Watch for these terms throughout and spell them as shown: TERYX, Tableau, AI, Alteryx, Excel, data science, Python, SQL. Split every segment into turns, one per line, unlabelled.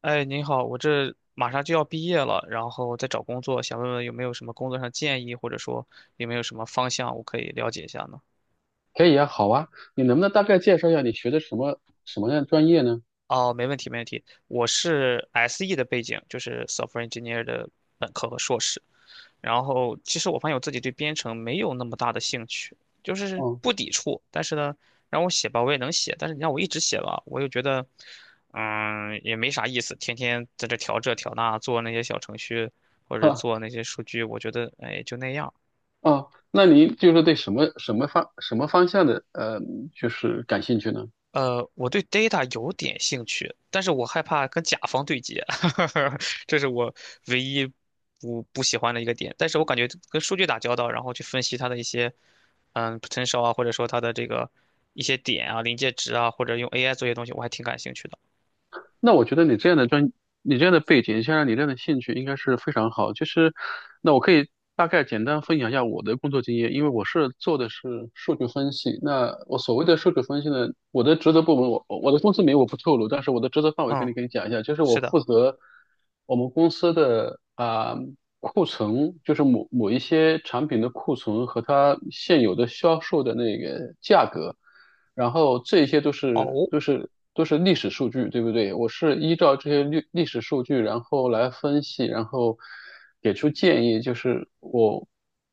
哎，您好，我这马上就要毕业了，然后在找工作，想问问有没有什么工作上建议，或者说有没有什么方向我可以了解一下呢？
可以啊，好啊。你能不能大概介绍一下你学的什么样的专业呢？
哦，没问题，没问题。我是 SE 的背景，就是 software engineer 的本科和硕士。然后其实我发现我自己对编程没有那么大的兴趣，就是
哦。
不抵触，但是呢，让我写吧，我也能写，但是你让我一直写吧，我又觉得，也没啥意思，天天在这调这调那，做那些小程序或者
哈。
做那些数据，我觉得，哎，就那样。
哦，那您就是对什么方向的就是感兴趣呢？
我对 data 有点兴趣，但是我害怕跟甲方对接，这是我唯一不喜欢的一个点。但是我感觉跟数据打交道，然后去分析它的一些potential 啊，或者说它的这个一些点啊、临界值啊，或者用 AI 做一些东西，我还挺感兴趣的。
那我觉得你这样的背景，加上你这样的兴趣，应该是非常好。就是，那我可以大概简单分享一下我的工作经验，因为我是做的是数据分析。那我所谓的数据分析呢，我的职责部门，我的公司名我不透露，但是我的职责范围跟
嗯，
你可以讲一下，就是我
是的。
负责我们公司的啊、库存，就是某某一些产品的库存和它现有的销售的那个价格。然后这些都是
哦，
都是都是历史数据，对不对？我是依照这些历史数据，然后来分析，然后给出建议，就是我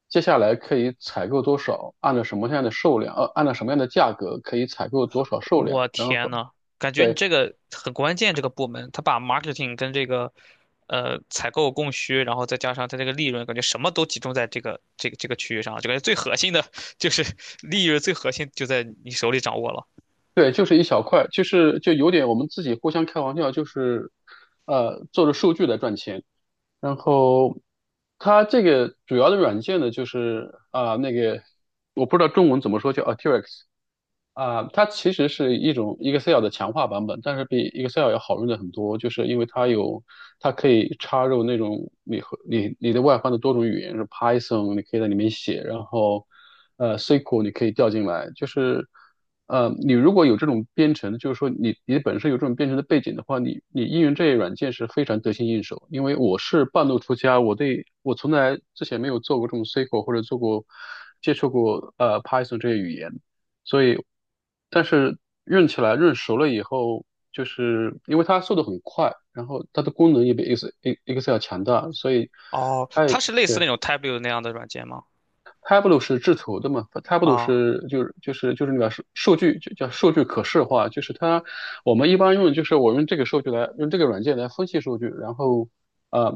接下来可以采购多少，按照什么样的数量，按照什么样的价格可以采购多少数量。
我
然
天
后
呐，感觉你
对
这个很关键，这个部门他把 marketing 跟这个采购供需，然后再加上他这个利润，感觉什么都集中在这个区域上了，就感觉最核心的就是 利润，最核心就在你手里掌握了。
对，就是一小块，就有点我们自己互相开玩笑，就是做着数据来赚钱。然后它这个主要的软件呢，就是啊、那个我不知道中文怎么说，叫 Arteryx。啊，它其实是一种 Excel 的强化版本，但是比 Excel 要好用的很多，就是因为它有，它可以插入那种你和你你的外放的多种语言，是 Python，你可以在里面写。然后SQL 你可以调进来，就是你如果有这种编程，就是说你本身有这种编程的背景的话，你应用这些软件是非常得心应手。因为我是半路出家，我从来之前没有做过这种 SQL 或者接触过 Python 这些语言。所以，但是润起来润熟了以后，就是因为它速度很快，然后它的功能也比 Excel 强大，所以
哦，
它也
它是类似
对。
那种 t a b l e u 那样的软件吗？
Tableau 是制图的嘛，Tableau
啊，
是就是那个数据就叫数据可视化，就是它我们一般用，就是我用这个数据来用这个软件来分析数据，然后呃。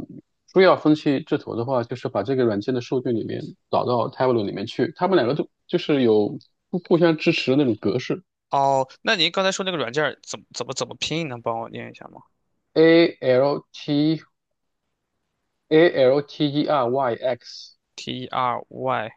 非要分析制图的话，就是把这个软件的数据里面导到 Tableau 里面去，它们两个都就是有互相支持的那种格式。
哦，那您刚才说那个软件儿怎么拼，能帮我念一下吗
A L T， Alteryx，
？T E R Y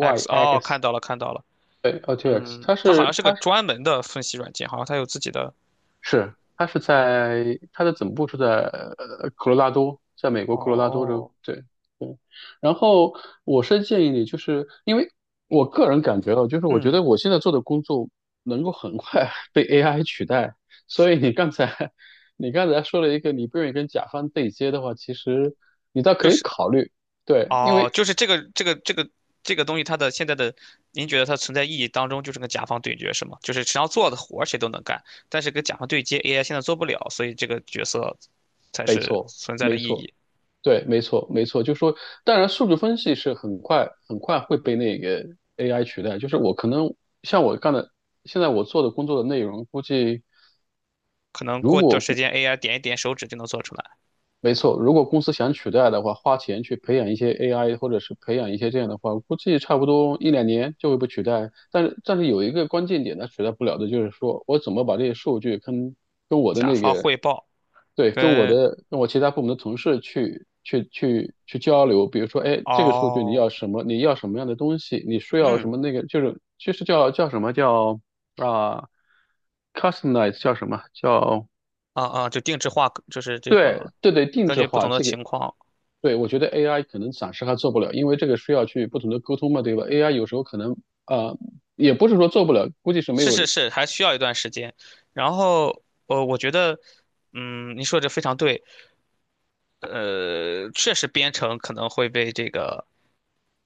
X，哦，看
X。
到了看到了，
对， L T X，
嗯，
它
它好像
是
是个
它是
专门的分析软件，好像它有自己的。
是它是在它的总部是在科罗拉多，在美国科罗拉多州。
哦，
对对，然后我是建议你，就是因为我个人感觉到，就是我觉
嗯，
得我现在做的工作能够很快 被 AI 取代，所以你刚才 你刚才说了一个你不愿意跟甲方对接的话，其实你倒
就
可以
是
考虑。对，因为
哦，就是这个这个东西，它的现在的，您觉得它存在意义当中就是跟甲方对决是吗？就是只要做的活儿谁都能干，但是跟甲方对接 AI 现在做不了，所以这个角色才
没
是
错，
存在的
没
意
错，
义。
对，没错，没错。就说，当然，数据分析是很快很快会被那个 AI 取代。就是我可能像我干的，现在我做的工作的内容，估计。
可能
如
过段时
果
间 AI 点一点手指就能做出来。
没错，如果公司想取代的话，花钱去培养一些 AI，或者是培养一些这样的话，估计差不多一两年就会被取代。但是有一个关键点，它取代不了的就是说，我怎么把这些数据跟我的
甲
那
方
个，
汇报
对，跟我
跟
的跟我其他部门的同事去交流。比如说，哎，这个数据你
哦，
要什么？你要什么样的东西？你需要什
嗯，
么那个？就是叫什么叫啊？customize 叫什么？
啊啊，就定制化，就是这
对
个
对对，定
根
制
据不
化
同的
这个
情况，
对。我觉得 AI 可能暂时还做不了，因为这个需要去不同的沟通嘛，对吧？AI 有时候可能呃，也不是说做不了，估计是没
是
有。
是是，还需要一段时间。然后，我觉得，嗯，你说的这非常对。确实编程可能会被这个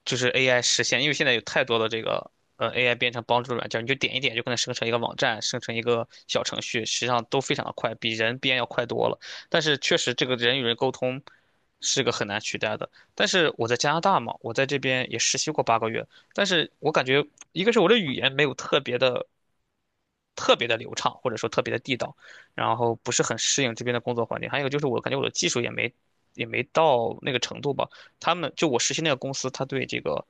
就是 AI 实现，因为现在有太多的这个AI 编程帮助软件，你就点一点就可能生成一个网站，生成一个小程序，实际上都非常的快，比人编要快多了。但是确实这个人与人沟通是个很难取代的。但是我在加拿大嘛，我在这边也实习过8个月，但是我感觉一个是我的语言没有特别的流畅，或者说特别的地道，然后不是很适应这边的工作环境。还有一个就是我感觉我的技术也没到那个程度吧。他们就我实习那个公司，他对这个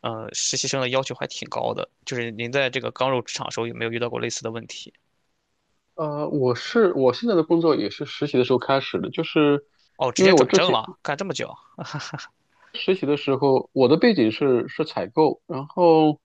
实习生的要求还挺高的。就是您在这个刚入职场的时候有没有遇到过类似的问题？
我是我现在的工作也是实习的时候开始的，就是
哦，直
因
接
为我
转
之
正
前
了，干这么久？
实习的时候，我的背景是采购。然后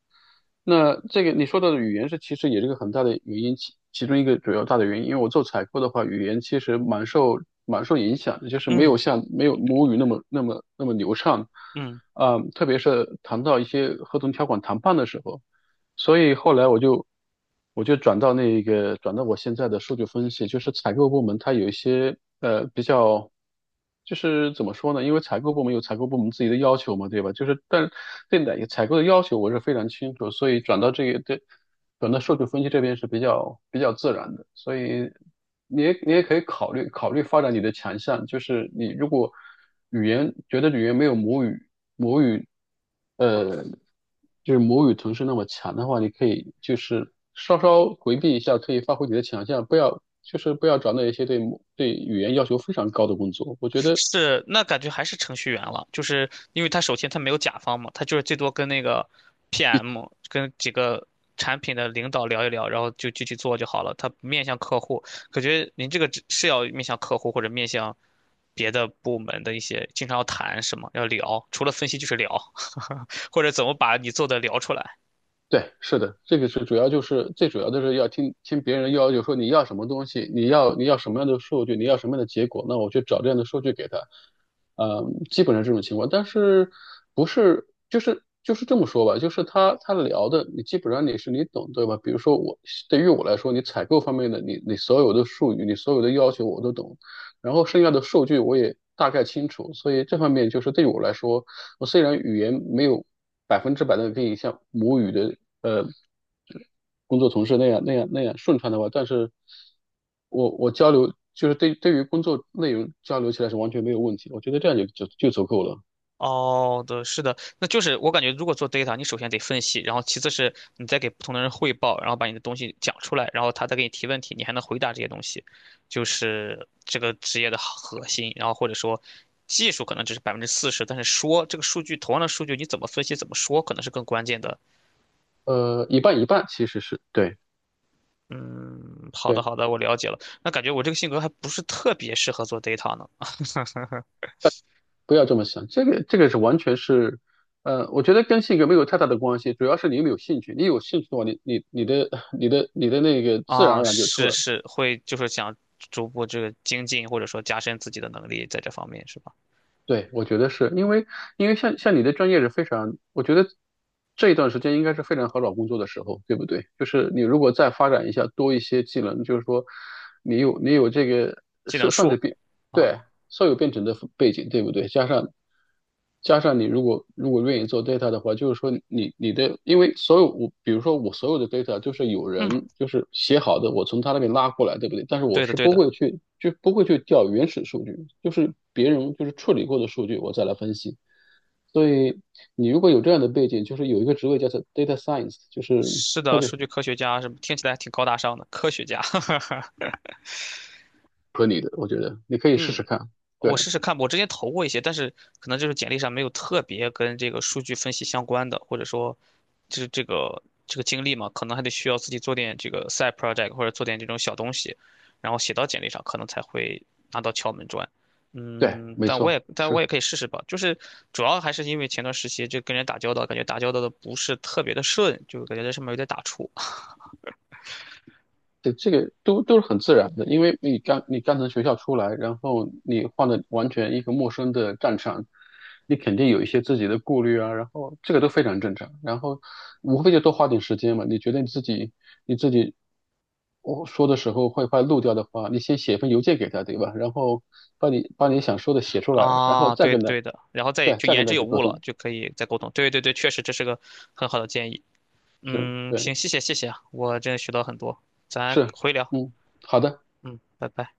那这个你说到的语言是其实也是个很大的原因，其中一个主要大的原因，因为我做采购的话，语言其实蛮受影响的，就是没有
嗯
像没有母语那么流畅。
嗯。
啊、特别是谈到一些合同条款谈判的时候。所以后来我就转到我现在的数据分析，就是采购部门，它有一些比较，就是怎么说呢？因为采购部门有采购部门自己的要求嘛，对吧？就是但对，哪个采购的要求我是非常清楚，所以转到数据分析这边是比较自然的。所以你也可以考虑考虑发展你的强项，就是你如果语言觉得语言没有母语，母语，呃，就是母语同时那么强的话，你可以就是稍稍回避一下，可以发挥你的强项。不要找那一些对语言要求非常高的工作。我觉得
是，那感觉还是程序员了，就是因为他首先他没有甲方嘛，他就是最多跟那个 PM 跟几个产品的领导聊一聊，然后就具体做就好了。他面向客户，感觉您这个只是要面向客户或者面向别的部门的一些，经常要谈什么，要聊，除了分析就是聊，或者怎么把你做的聊出来。
对，是的。这个是主要就是最主要的是要听听别人要求说你要什么东西，你要什么样的数据，你要什么样的结果，那我去找这样的数据给他。嗯，基本上这种情况。但是不是就是这么说吧，就是他聊的，你基本上你是你懂对吧？比如说对于我来说，你采购方面的你所有的术语，你所有的要求我都懂，然后剩下的数据我也大概清楚。所以这方面就是对我来说，我虽然语言没有百分之百的可以像母语的呃工作同事那样顺畅的话，但是我交流就是对于工作内容交流起来是完全没有问题，我觉得这样就足够了。
哦，对，是的，那就是我感觉，如果做 data，你首先得分析，然后其次是你再给不同的人汇报，然后把你的东西讲出来，然后他再给你提问题，你还能回答这些东西，就是这个职业的核心。然后或者说，技术可能只是40%，但是说这个数据，同样的数据你怎么分析、怎么说，可能是更关键的。
一半一半其实是对。
嗯，好的，
对，
好的，我了解了。那感觉我这个性格还不是特别适合做 data 呢。
不要这么想，这个是完全是，我觉得跟性格没有太大的关系，主要是你有没有兴趣。你有兴趣的话，你的那个自然
啊，
而然就出
是
来了。
是，会就是想逐步这个精进，或者说加深自己的能力在这方面，是吧？
对，我觉得是因为因为像你的专业是非常，我觉得这一段时间应该是非常好找工作的时候，对不对？就是你如果再发展一下，多一些技能，就是说你有这个
技能
是算是
树
比
啊，
对，所有编程的背景，对不对？加上你如果愿意做 data 的话，就是说你你的，因为所有我比如说我所有的 data 就是有
嗯，
人就是写好的，我从他那边拉过来，对不对？但是我
对的
是
对
不
的，
会去调原始数据，就是别人就是处理过的数据，我再来分析。所以你如果有这样的背景，就是有一个职位叫做 data science，就是
是
特
的，
别
数据科学家什么听起来还挺高大上的，科学家，
合你的，我觉得你可以试试
嗯，
看。
我
对
试试看吧我之前投过一些，但是可能就是简历上没有特别跟这个数据分析相关的，或者说，就是这个经历嘛，可能还得需要自己做点这个 side project 或者做点这种小东西，然后写到简历上，可能才会拿到敲门砖。
对，
嗯，
没错，
但我
是。
也可以试试吧。就是主要还是因为前段时期就跟人打交道，感觉打交道的不是特别的顺，就感觉在上面有点打怵。
对，这个都是很自然的，因为你刚从学校出来，然后你换了完全一个陌生的战场，你肯定有一些自己的顾虑啊。然后这个都非常正常，然后无非就多花点时间嘛。你觉得你自己我说的时候会快漏掉的话，你先写一份邮件给他，对吧？然后把你想说的写出来，然后
啊，
再
对
跟他，
对的，然后再
对，
就
再跟
言之
他
有
去沟
物了，
通。
就可以再沟通。对对对，确实这是个很好的建议。
是，
嗯，行，
对，
谢谢啊我真的学到很多，咱
是。
回聊，
嗯，好的。
嗯，拜拜。